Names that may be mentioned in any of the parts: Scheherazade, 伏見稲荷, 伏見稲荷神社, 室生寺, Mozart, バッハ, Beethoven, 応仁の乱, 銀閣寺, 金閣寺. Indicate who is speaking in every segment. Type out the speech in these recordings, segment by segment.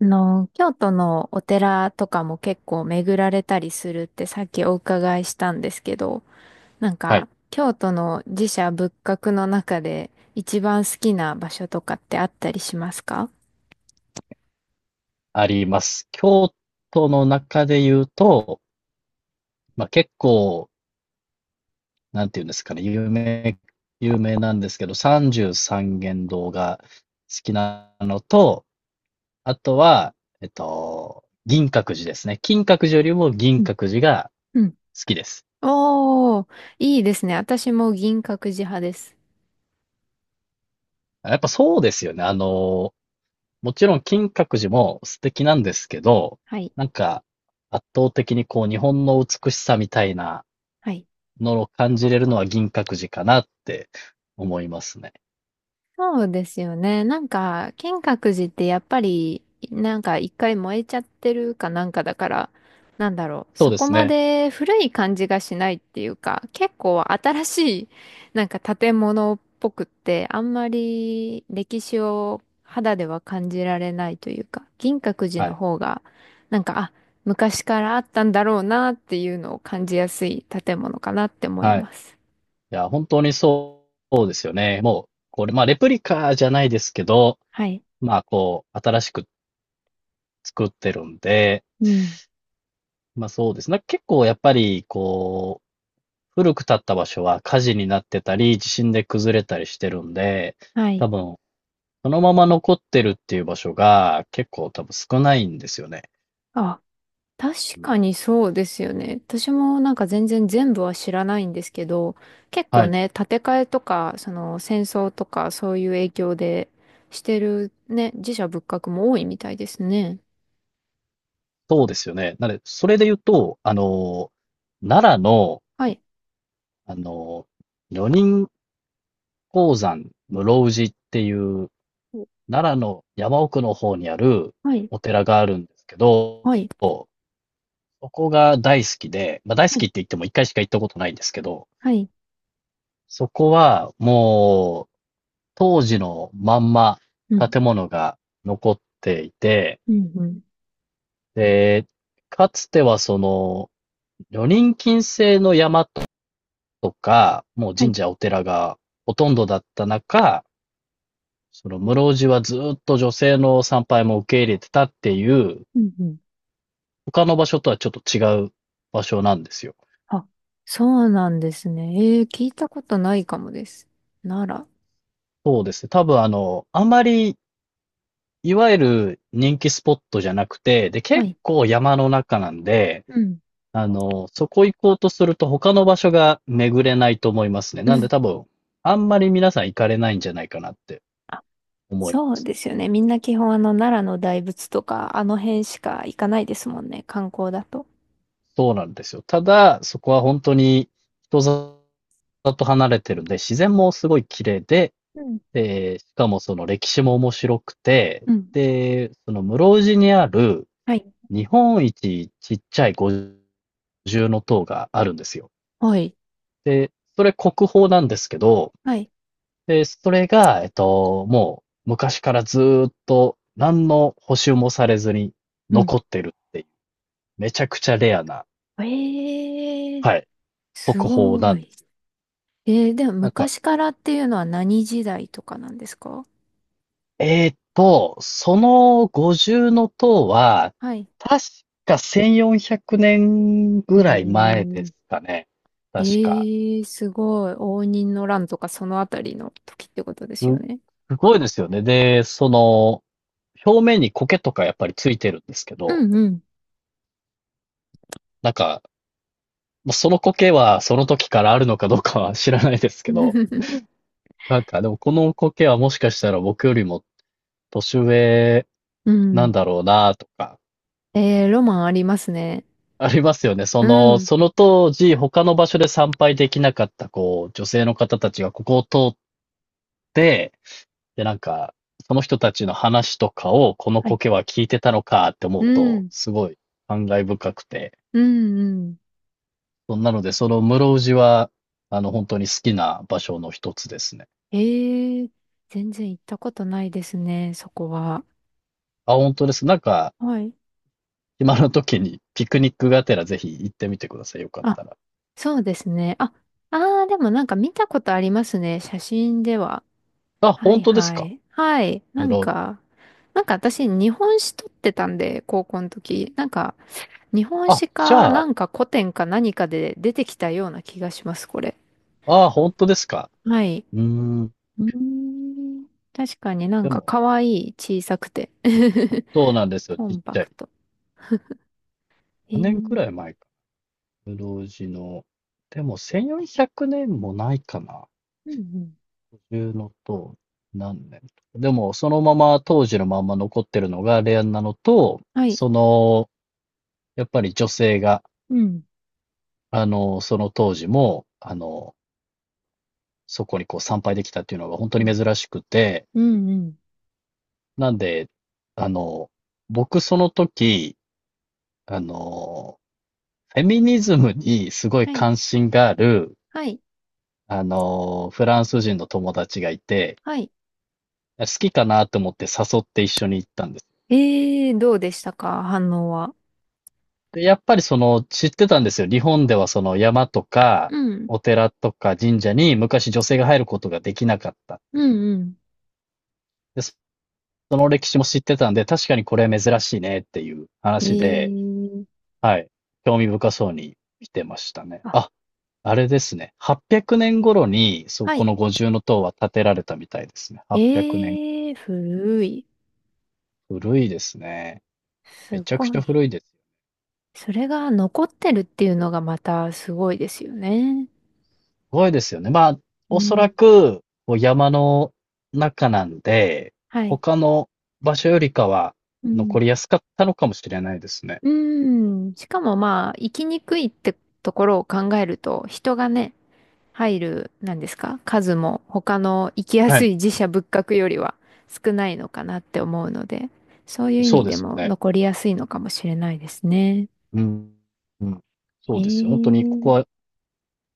Speaker 1: 京都のお寺とかも結構巡られたりするってさっきお伺いしたんですけど、なん
Speaker 2: は
Speaker 1: か、
Speaker 2: い、
Speaker 1: 京都の寺社仏閣の中で一番好きな場所とかってあったりしますか？
Speaker 2: あります。京都の中で言うと、結構、なんていうんですかね、有名なんですけど、三十三間堂が好きなのと、あとは、銀閣寺ですね。金閣寺よりも銀
Speaker 1: うん。
Speaker 2: 閣寺が
Speaker 1: うん。
Speaker 2: 好きです。
Speaker 1: おー、いいですね。私も銀閣寺派です。
Speaker 2: やっぱそうですよね。もちろん金閣寺も素敵なんですけど、
Speaker 1: はい。
Speaker 2: なんか圧倒的にこう日本の美しさみたいな
Speaker 1: はい。
Speaker 2: のを感じれるのは銀閣寺かなって思いますね。
Speaker 1: そうですよね。なんか、金閣寺ってやっぱり、なんか一回燃えちゃってるかなんかだから、なんだろう、
Speaker 2: そう
Speaker 1: そ
Speaker 2: で
Speaker 1: こ
Speaker 2: す
Speaker 1: ま
Speaker 2: ね。
Speaker 1: で古い感じがしないっていうか、結構新しい、なんか建物っぽくって、あんまり歴史を肌では感じられないというか、銀閣寺
Speaker 2: は
Speaker 1: の
Speaker 2: い。
Speaker 1: 方が、なんか、あ、昔からあったんだろうなっていうのを感じやすい建物かなって思い
Speaker 2: はい。
Speaker 1: ます。
Speaker 2: いや、本当にそうそうですよね。もう、これ、まあ、レプリカじゃないですけど、
Speaker 1: はい。
Speaker 2: まあ、こう、新しく作ってるんで、
Speaker 1: うん。
Speaker 2: まあ、そうですね。結構やっぱり、こう、古く建った場所は火事になってたり、地震で崩れたりしてるんで、
Speaker 1: は
Speaker 2: 多
Speaker 1: い。
Speaker 2: 分、そのまま残ってるっていう場所が結構多分少ないんですよね。
Speaker 1: あ、確
Speaker 2: うん
Speaker 1: かにそうですよね。私もなんか全然全部は知らないんですけど、結
Speaker 2: は
Speaker 1: 構
Speaker 2: い。
Speaker 1: ね、建て替えとか、その戦争とかそういう影響でしてるね、自社仏閣も多いみたいですね。
Speaker 2: そうですよね。なので、それで言うと、奈良の、
Speaker 1: はい、
Speaker 2: あの、女人鉱山室生寺っていう、奈良の山奥の方にある
Speaker 1: はい、
Speaker 2: お寺があるんですけど、
Speaker 1: はい、
Speaker 2: そこが大好きで、まあ、大好
Speaker 1: は
Speaker 2: き
Speaker 1: い、
Speaker 2: って言っても一回しか行ったことないんですけど、
Speaker 1: はい、
Speaker 2: そこはもう当時のまんま
Speaker 1: うん、
Speaker 2: 建物が残っていて、
Speaker 1: うん、うん、
Speaker 2: で、かつてはその女人禁制の山っとか、もう
Speaker 1: は
Speaker 2: 神
Speaker 1: い、
Speaker 2: 社お寺がほとんどだった中、その室生寺はずーっと女性の参拝も受け入れてたっていう、
Speaker 1: うん、うん。
Speaker 2: 他の場所とはちょっと違う場所なんですよ。
Speaker 1: あ、そうなんですね。えー、聞いたことないかもです。なら、
Speaker 2: そうですね。多分あんまり、いわゆる人気スポットじゃなくて、で、
Speaker 1: は
Speaker 2: 結
Speaker 1: い、
Speaker 2: 構山の中なんで、
Speaker 1: うん、
Speaker 2: そこ行こうとすると他の場所が巡れないと思いますね。
Speaker 1: う
Speaker 2: なんで
Speaker 1: ん。
Speaker 2: 多分、あんまり皆さん行かれないんじゃないかなって思いま
Speaker 1: そう
Speaker 2: す。
Speaker 1: ですよね。みんな基本あの奈良の大仏とかあの辺しか行かないですもんね。観光だと。
Speaker 2: そうなんですよ。ただ、そこは本当に人里と離れてるんで、自然もすごい綺麗で、
Speaker 1: うん。
Speaker 2: しかもその歴史も面白くて、
Speaker 1: うん。
Speaker 2: で、その室生寺にある
Speaker 1: はい。
Speaker 2: 日本一ちっちゃい五重の塔があるんですよ。
Speaker 1: はい。
Speaker 2: で、それ国宝なんですけど、
Speaker 1: はい。
Speaker 2: で、それが、もう昔からずーっと何の補修もされずに
Speaker 1: うん。
Speaker 2: 残ってるっていう、めちゃくちゃレアな、
Speaker 1: ええー、
Speaker 2: はい、国
Speaker 1: す
Speaker 2: 宝な
Speaker 1: ご
Speaker 2: んで
Speaker 1: い。
Speaker 2: すよ。
Speaker 1: えー、でも
Speaker 2: なんか、
Speaker 1: 昔からっていうのは何時代とかなんですか？
Speaker 2: その50の塔は、
Speaker 1: はい。
Speaker 2: 確か1400年
Speaker 1: え
Speaker 2: ぐらい前で
Speaker 1: ー、
Speaker 2: すかね。確か。
Speaker 1: ええー、すごい。応仁の乱とかそのあたりの時ってことですよね。
Speaker 2: す、すごいですよね。で、その、表面に苔とかやっぱりついてるんですけ
Speaker 1: う
Speaker 2: ど、
Speaker 1: ん、うん。
Speaker 2: なんか、まあその苔はその時からあるのかどうかは知らないですけど、なんかでもこの苔はもしかしたら僕よりも年上
Speaker 1: う
Speaker 2: なん
Speaker 1: ん。
Speaker 2: だろうなとか、
Speaker 1: えー、ロマンありますね。
Speaker 2: ありますよね。そ
Speaker 1: う
Speaker 2: の、
Speaker 1: ん。
Speaker 2: その当時、他の場所で参拝できなかった、こう、女性の方たちがここを通って、で、なんか、その人たちの話とかを、この
Speaker 1: はい。
Speaker 2: 苔は聞いてたのかって思
Speaker 1: う
Speaker 2: うと、
Speaker 1: ん。
Speaker 2: すごい感慨深くて。
Speaker 1: うん、うん。
Speaker 2: そんなので、その室生寺は、本当に好きな場所の一つですね。
Speaker 1: ええ、全然行ったことないですね、そこは。
Speaker 2: あ、本当です。なんか、
Speaker 1: はい。
Speaker 2: 今の時にピクニックがてらぜひ行ってみてください。よかっ
Speaker 1: あ、
Speaker 2: たら。
Speaker 1: そうですね。あ、あー、でもなんか見たことありますね、写真では。
Speaker 2: あ、
Speaker 1: は
Speaker 2: 本
Speaker 1: い、
Speaker 2: 当です
Speaker 1: は
Speaker 2: か？
Speaker 1: い。はい。な
Speaker 2: 室
Speaker 1: ん
Speaker 2: 生寺。
Speaker 1: か、なんか私、日本史取ってたんで、高校の時。なんか、日本
Speaker 2: あ、
Speaker 1: 史
Speaker 2: じ
Speaker 1: か、
Speaker 2: ゃ
Speaker 1: な
Speaker 2: あ、
Speaker 1: んか古典か何かで出てきたような気がします、これ。
Speaker 2: あ、本当ですか？
Speaker 1: はい。
Speaker 2: うーん。
Speaker 1: うーん。確かになん
Speaker 2: で
Speaker 1: か
Speaker 2: も、
Speaker 1: 可愛い、小さくて。
Speaker 2: そうなんですよ、
Speaker 1: コ
Speaker 2: ちっ
Speaker 1: ン
Speaker 2: ち
Speaker 1: パ
Speaker 2: ゃ
Speaker 1: ク
Speaker 2: い。
Speaker 1: ト。え
Speaker 2: 何年くらい
Speaker 1: え。
Speaker 2: 前か。室生寺の、でも1400年もないかな。
Speaker 1: うん、うん。
Speaker 2: いうのと、何年とか。でも、そのまま、当時のまんま残ってるのがレアなのと、
Speaker 1: はい。
Speaker 2: その、やっぱり女性が、
Speaker 1: うん。
Speaker 2: その当時も、そこにこう参拝できたっていうのが本当
Speaker 1: うん。
Speaker 2: に珍しくて、
Speaker 1: うん、うん。
Speaker 2: なんで、あの、僕その時、あの、フェミニズムにすごい
Speaker 1: はい、
Speaker 2: 関心がある、
Speaker 1: はい、
Speaker 2: フランス人の友達がいて、
Speaker 1: はい。
Speaker 2: 好きかなと思って誘って一緒に行ったんです。
Speaker 1: えー、どうでしたか反応は？
Speaker 2: で、やっぱり知ってたんですよ。日本ではその山とか、
Speaker 1: うん、
Speaker 2: お寺とか神社に昔女性が入ることができなかったっ
Speaker 1: う
Speaker 2: ていう。
Speaker 1: ん、
Speaker 2: で、その歴史も知ってたんで、確かにこれ珍しいねっていう
Speaker 1: うん。え
Speaker 2: 話で、
Speaker 1: ー、
Speaker 2: はい。興味深そうに見てましたね。
Speaker 1: あ、
Speaker 2: あ、あれですね。800年頃に、そう、
Speaker 1: は
Speaker 2: こ
Speaker 1: い。
Speaker 2: の五重塔は建てられたみたいですね。800年。
Speaker 1: ええ、古い。
Speaker 2: 古いですね。め
Speaker 1: す
Speaker 2: ちゃく
Speaker 1: ご
Speaker 2: ちゃ
Speaker 1: い。
Speaker 2: 古いです。
Speaker 1: それが残ってるっていうのがまたすごいですよね。
Speaker 2: ごいですよね。まあ、
Speaker 1: う
Speaker 2: おそ
Speaker 1: ん。
Speaker 2: らく、こう山の中なんで、
Speaker 1: はい。
Speaker 2: 他の場所よりかは
Speaker 1: うん、
Speaker 2: 残りやすかったのかもしれないですね。
Speaker 1: うん。しかもまあ、生きにくいってところを考えると、人がね、入る、なんですか、数も他の行きや
Speaker 2: は
Speaker 1: す
Speaker 2: い。
Speaker 1: い寺社仏閣よりは少ないのかなって思うので、そういう意
Speaker 2: そう
Speaker 1: 味
Speaker 2: で
Speaker 1: で
Speaker 2: すよ
Speaker 1: も
Speaker 2: ね。
Speaker 1: 残りやすいのかもしれないですね。
Speaker 2: うん。うん。
Speaker 1: へ
Speaker 2: そうですよ。本当に、ここ
Speaker 1: え。
Speaker 2: は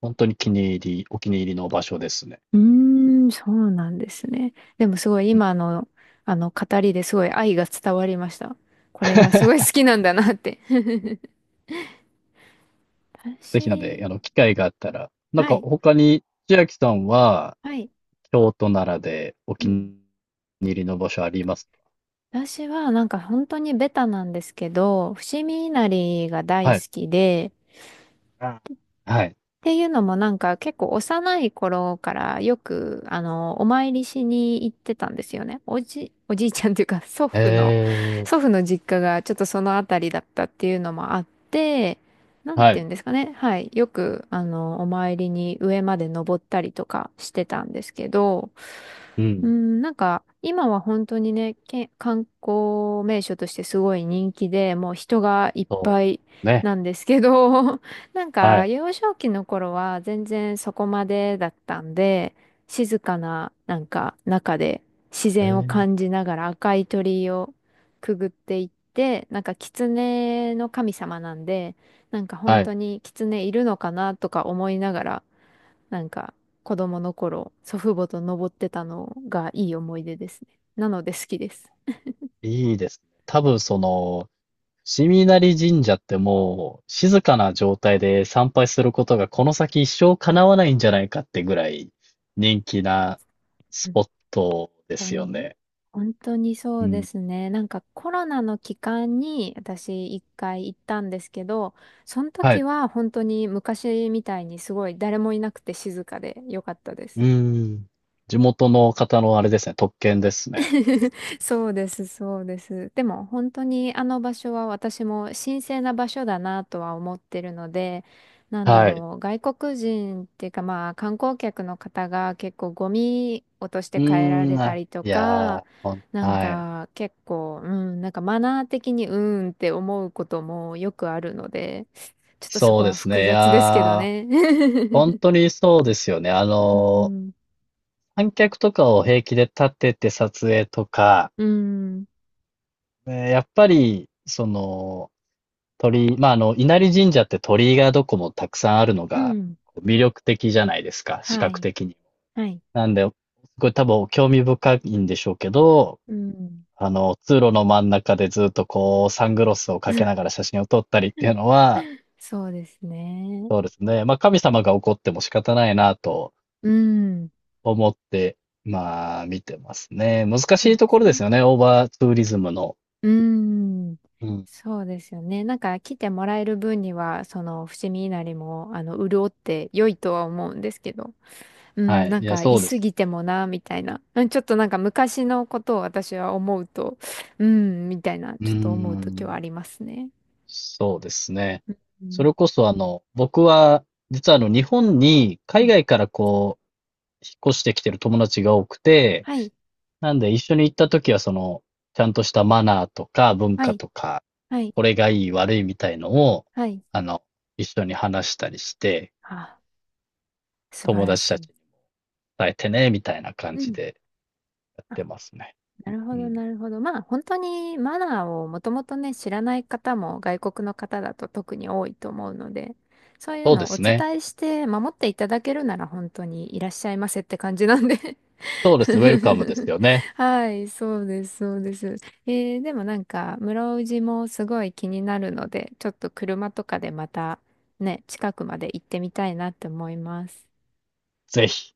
Speaker 2: 本当に気に入りお気に入りの場所ですね。
Speaker 1: うーん、そうなんですね。でもすごい
Speaker 2: うん。
Speaker 1: 今の、あの語りですごい愛が伝わりました。これがすご い好きなんだなって。
Speaker 2: ぜ
Speaker 1: 私、
Speaker 2: ひなんで、機会があったら、なん
Speaker 1: は
Speaker 2: か
Speaker 1: い、
Speaker 2: 他に千秋さんは、
Speaker 1: はい。
Speaker 2: 京都、ならでお
Speaker 1: う
Speaker 2: 気
Speaker 1: ん。
Speaker 2: に入りの場所あります
Speaker 1: 私はなんか本当にベタなんですけど、伏見稲荷が
Speaker 2: か？
Speaker 1: 大
Speaker 2: は
Speaker 1: 好
Speaker 2: い。
Speaker 1: きで、
Speaker 2: あーはい。
Speaker 1: っていうのもなんか結構幼い頃からよくあのお参りしに行ってたんですよね。おじいちゃんというか 祖
Speaker 2: え
Speaker 1: 父の、
Speaker 2: え、
Speaker 1: 祖父の実家がちょっとそのあたりだったっていうのもあって、なんて
Speaker 2: は
Speaker 1: 言う
Speaker 2: い。
Speaker 1: んですかね。はい。よくあのお参りに上まで登ったりとかしてたんですけど、
Speaker 2: う
Speaker 1: う
Speaker 2: ん。
Speaker 1: ん、なんか今は本当にね、観光名所としてすごい人気で、もう人がいっ
Speaker 2: そ
Speaker 1: ぱい
Speaker 2: う、ね、
Speaker 1: なんですけど なん
Speaker 2: は
Speaker 1: か、
Speaker 2: い。
Speaker 1: 幼少期の頃は全然そこまでだったんで、静かな、なんか、中で自
Speaker 2: え
Speaker 1: 然を
Speaker 2: ー
Speaker 1: 感じながら赤い鳥居をくぐっていって、なんか、狐の神様なんで、なんか本
Speaker 2: はい、
Speaker 1: 当に狐いるのかなとか思いながら、なんか、子供の頃、祖父母と登ってたのがいい思い出ですね。なので好きです。
Speaker 2: いいですね。多分伏見稲荷神社ってもう、静かな状態で参拝することがこの先一生叶わないんじゃないかってぐらい、人気なスポットで
Speaker 1: 当
Speaker 2: すよ
Speaker 1: に、
Speaker 2: ね。
Speaker 1: 本当にそ
Speaker 2: う
Speaker 1: うで
Speaker 2: ん。
Speaker 1: すね。なんかコロナの期間に私一回行ったんですけど、その
Speaker 2: は
Speaker 1: 時
Speaker 2: い。
Speaker 1: は本当に昔みたいにすごい誰もいなくて静かで良かったです。
Speaker 2: うん。地元の方のあれですね、特権ですね。
Speaker 1: そうです、そうです。でも本当にあの場所は私も神聖な場所だなとは思ってるので、なんだ
Speaker 2: はい。
Speaker 1: ろう、外国人っていうかまあ観光客の方が結構ゴミ落として
Speaker 2: う
Speaker 1: 帰ら
Speaker 2: ー
Speaker 1: れ
Speaker 2: ん、
Speaker 1: た
Speaker 2: あ、
Speaker 1: りと
Speaker 2: いや
Speaker 1: か、
Speaker 2: ー、ほん
Speaker 1: なん
Speaker 2: はい。
Speaker 1: か結構、うん、なんかマナー的にうーんって思うこともよくあるので、ちょっとそ
Speaker 2: そ
Speaker 1: こ
Speaker 2: うで
Speaker 1: は
Speaker 2: す
Speaker 1: 複
Speaker 2: ね、い
Speaker 1: 雑ですけど
Speaker 2: やー、
Speaker 1: ね。
Speaker 2: ほん にそうですよね。あ
Speaker 1: う
Speaker 2: の
Speaker 1: ん、
Speaker 2: 観客とかを平気で立てて撮影とか、
Speaker 1: うん、
Speaker 2: やっぱり、鳥居、まあ、稲荷神社って鳥居がどこもたくさんあるの
Speaker 1: う
Speaker 2: が
Speaker 1: ん、
Speaker 2: こう魅力的じゃないですか、視
Speaker 1: は
Speaker 2: 覚
Speaker 1: い、
Speaker 2: 的に。
Speaker 1: はい、
Speaker 2: なんで、すごい多分興味深いんでしょうけど、
Speaker 1: うん。
Speaker 2: 通路の真ん中でずっとこう、サングラスをかけなが ら写真を撮ったりっていうのは、
Speaker 1: そうですね。
Speaker 2: そうですね。まあ、神様が怒っても仕方ないなと
Speaker 1: うん。
Speaker 2: 思って、まあ、見てますね。難し
Speaker 1: そう
Speaker 2: いと
Speaker 1: で
Speaker 2: ころ
Speaker 1: す
Speaker 2: で
Speaker 1: ね。
Speaker 2: すよね、オーバーツーリズムの。
Speaker 1: うん。
Speaker 2: うん
Speaker 1: そうですよね。なんか来てもらえる分には、その伏見稲荷も、あの、潤って良いとは思うんですけど。う
Speaker 2: は
Speaker 1: ん、
Speaker 2: い。
Speaker 1: なん
Speaker 2: いや、
Speaker 1: か
Speaker 2: そ
Speaker 1: 居
Speaker 2: うで
Speaker 1: す
Speaker 2: す
Speaker 1: ぎ
Speaker 2: よ
Speaker 1: て
Speaker 2: ね。
Speaker 1: もな、みたいな。うん、ちょっとなんか昔のことを私は思うと、うん、みたいな、
Speaker 2: うー
Speaker 1: ちょっと思う時は
Speaker 2: ん。
Speaker 1: ありますね。
Speaker 2: そうですね。
Speaker 1: う
Speaker 2: それ
Speaker 1: ん。
Speaker 2: こそ僕は、実は日本に
Speaker 1: う
Speaker 2: 海
Speaker 1: ん。
Speaker 2: 外からこう、引っ越してきてる友達が多くて、
Speaker 1: はい。
Speaker 2: なんで一緒に行った時はちゃんとしたマナーとか文
Speaker 1: は
Speaker 2: 化
Speaker 1: い。
Speaker 2: とか、
Speaker 1: はい。
Speaker 2: これがいい悪いみたいのを、
Speaker 1: はい。
Speaker 2: あの、一緒に話したりして、
Speaker 1: あ、素晴
Speaker 2: 友
Speaker 1: ら
Speaker 2: 達た
Speaker 1: しい。
Speaker 2: ちに伝えてね、みたいな感
Speaker 1: う
Speaker 2: じ
Speaker 1: ん。
Speaker 2: でやってますね。
Speaker 1: なるほ
Speaker 2: う
Speaker 1: ど、
Speaker 2: ん。
Speaker 1: なるほど。まあ、本当にマナーをもともとね、知らない方も外国の方だと特に多いと思うので、そういう
Speaker 2: そうで
Speaker 1: のをお
Speaker 2: すね。
Speaker 1: 伝えして守っていただけるなら本当にいらっしゃいませって感じなんで
Speaker 2: そうですね。ウェルカムです よね。
Speaker 1: はい、そうです、そうです。えー、でもなんか、室生寺もすごい気になるので、ちょっと車とかでまたね、近くまで行ってみたいなって思います。
Speaker 2: ぜひ。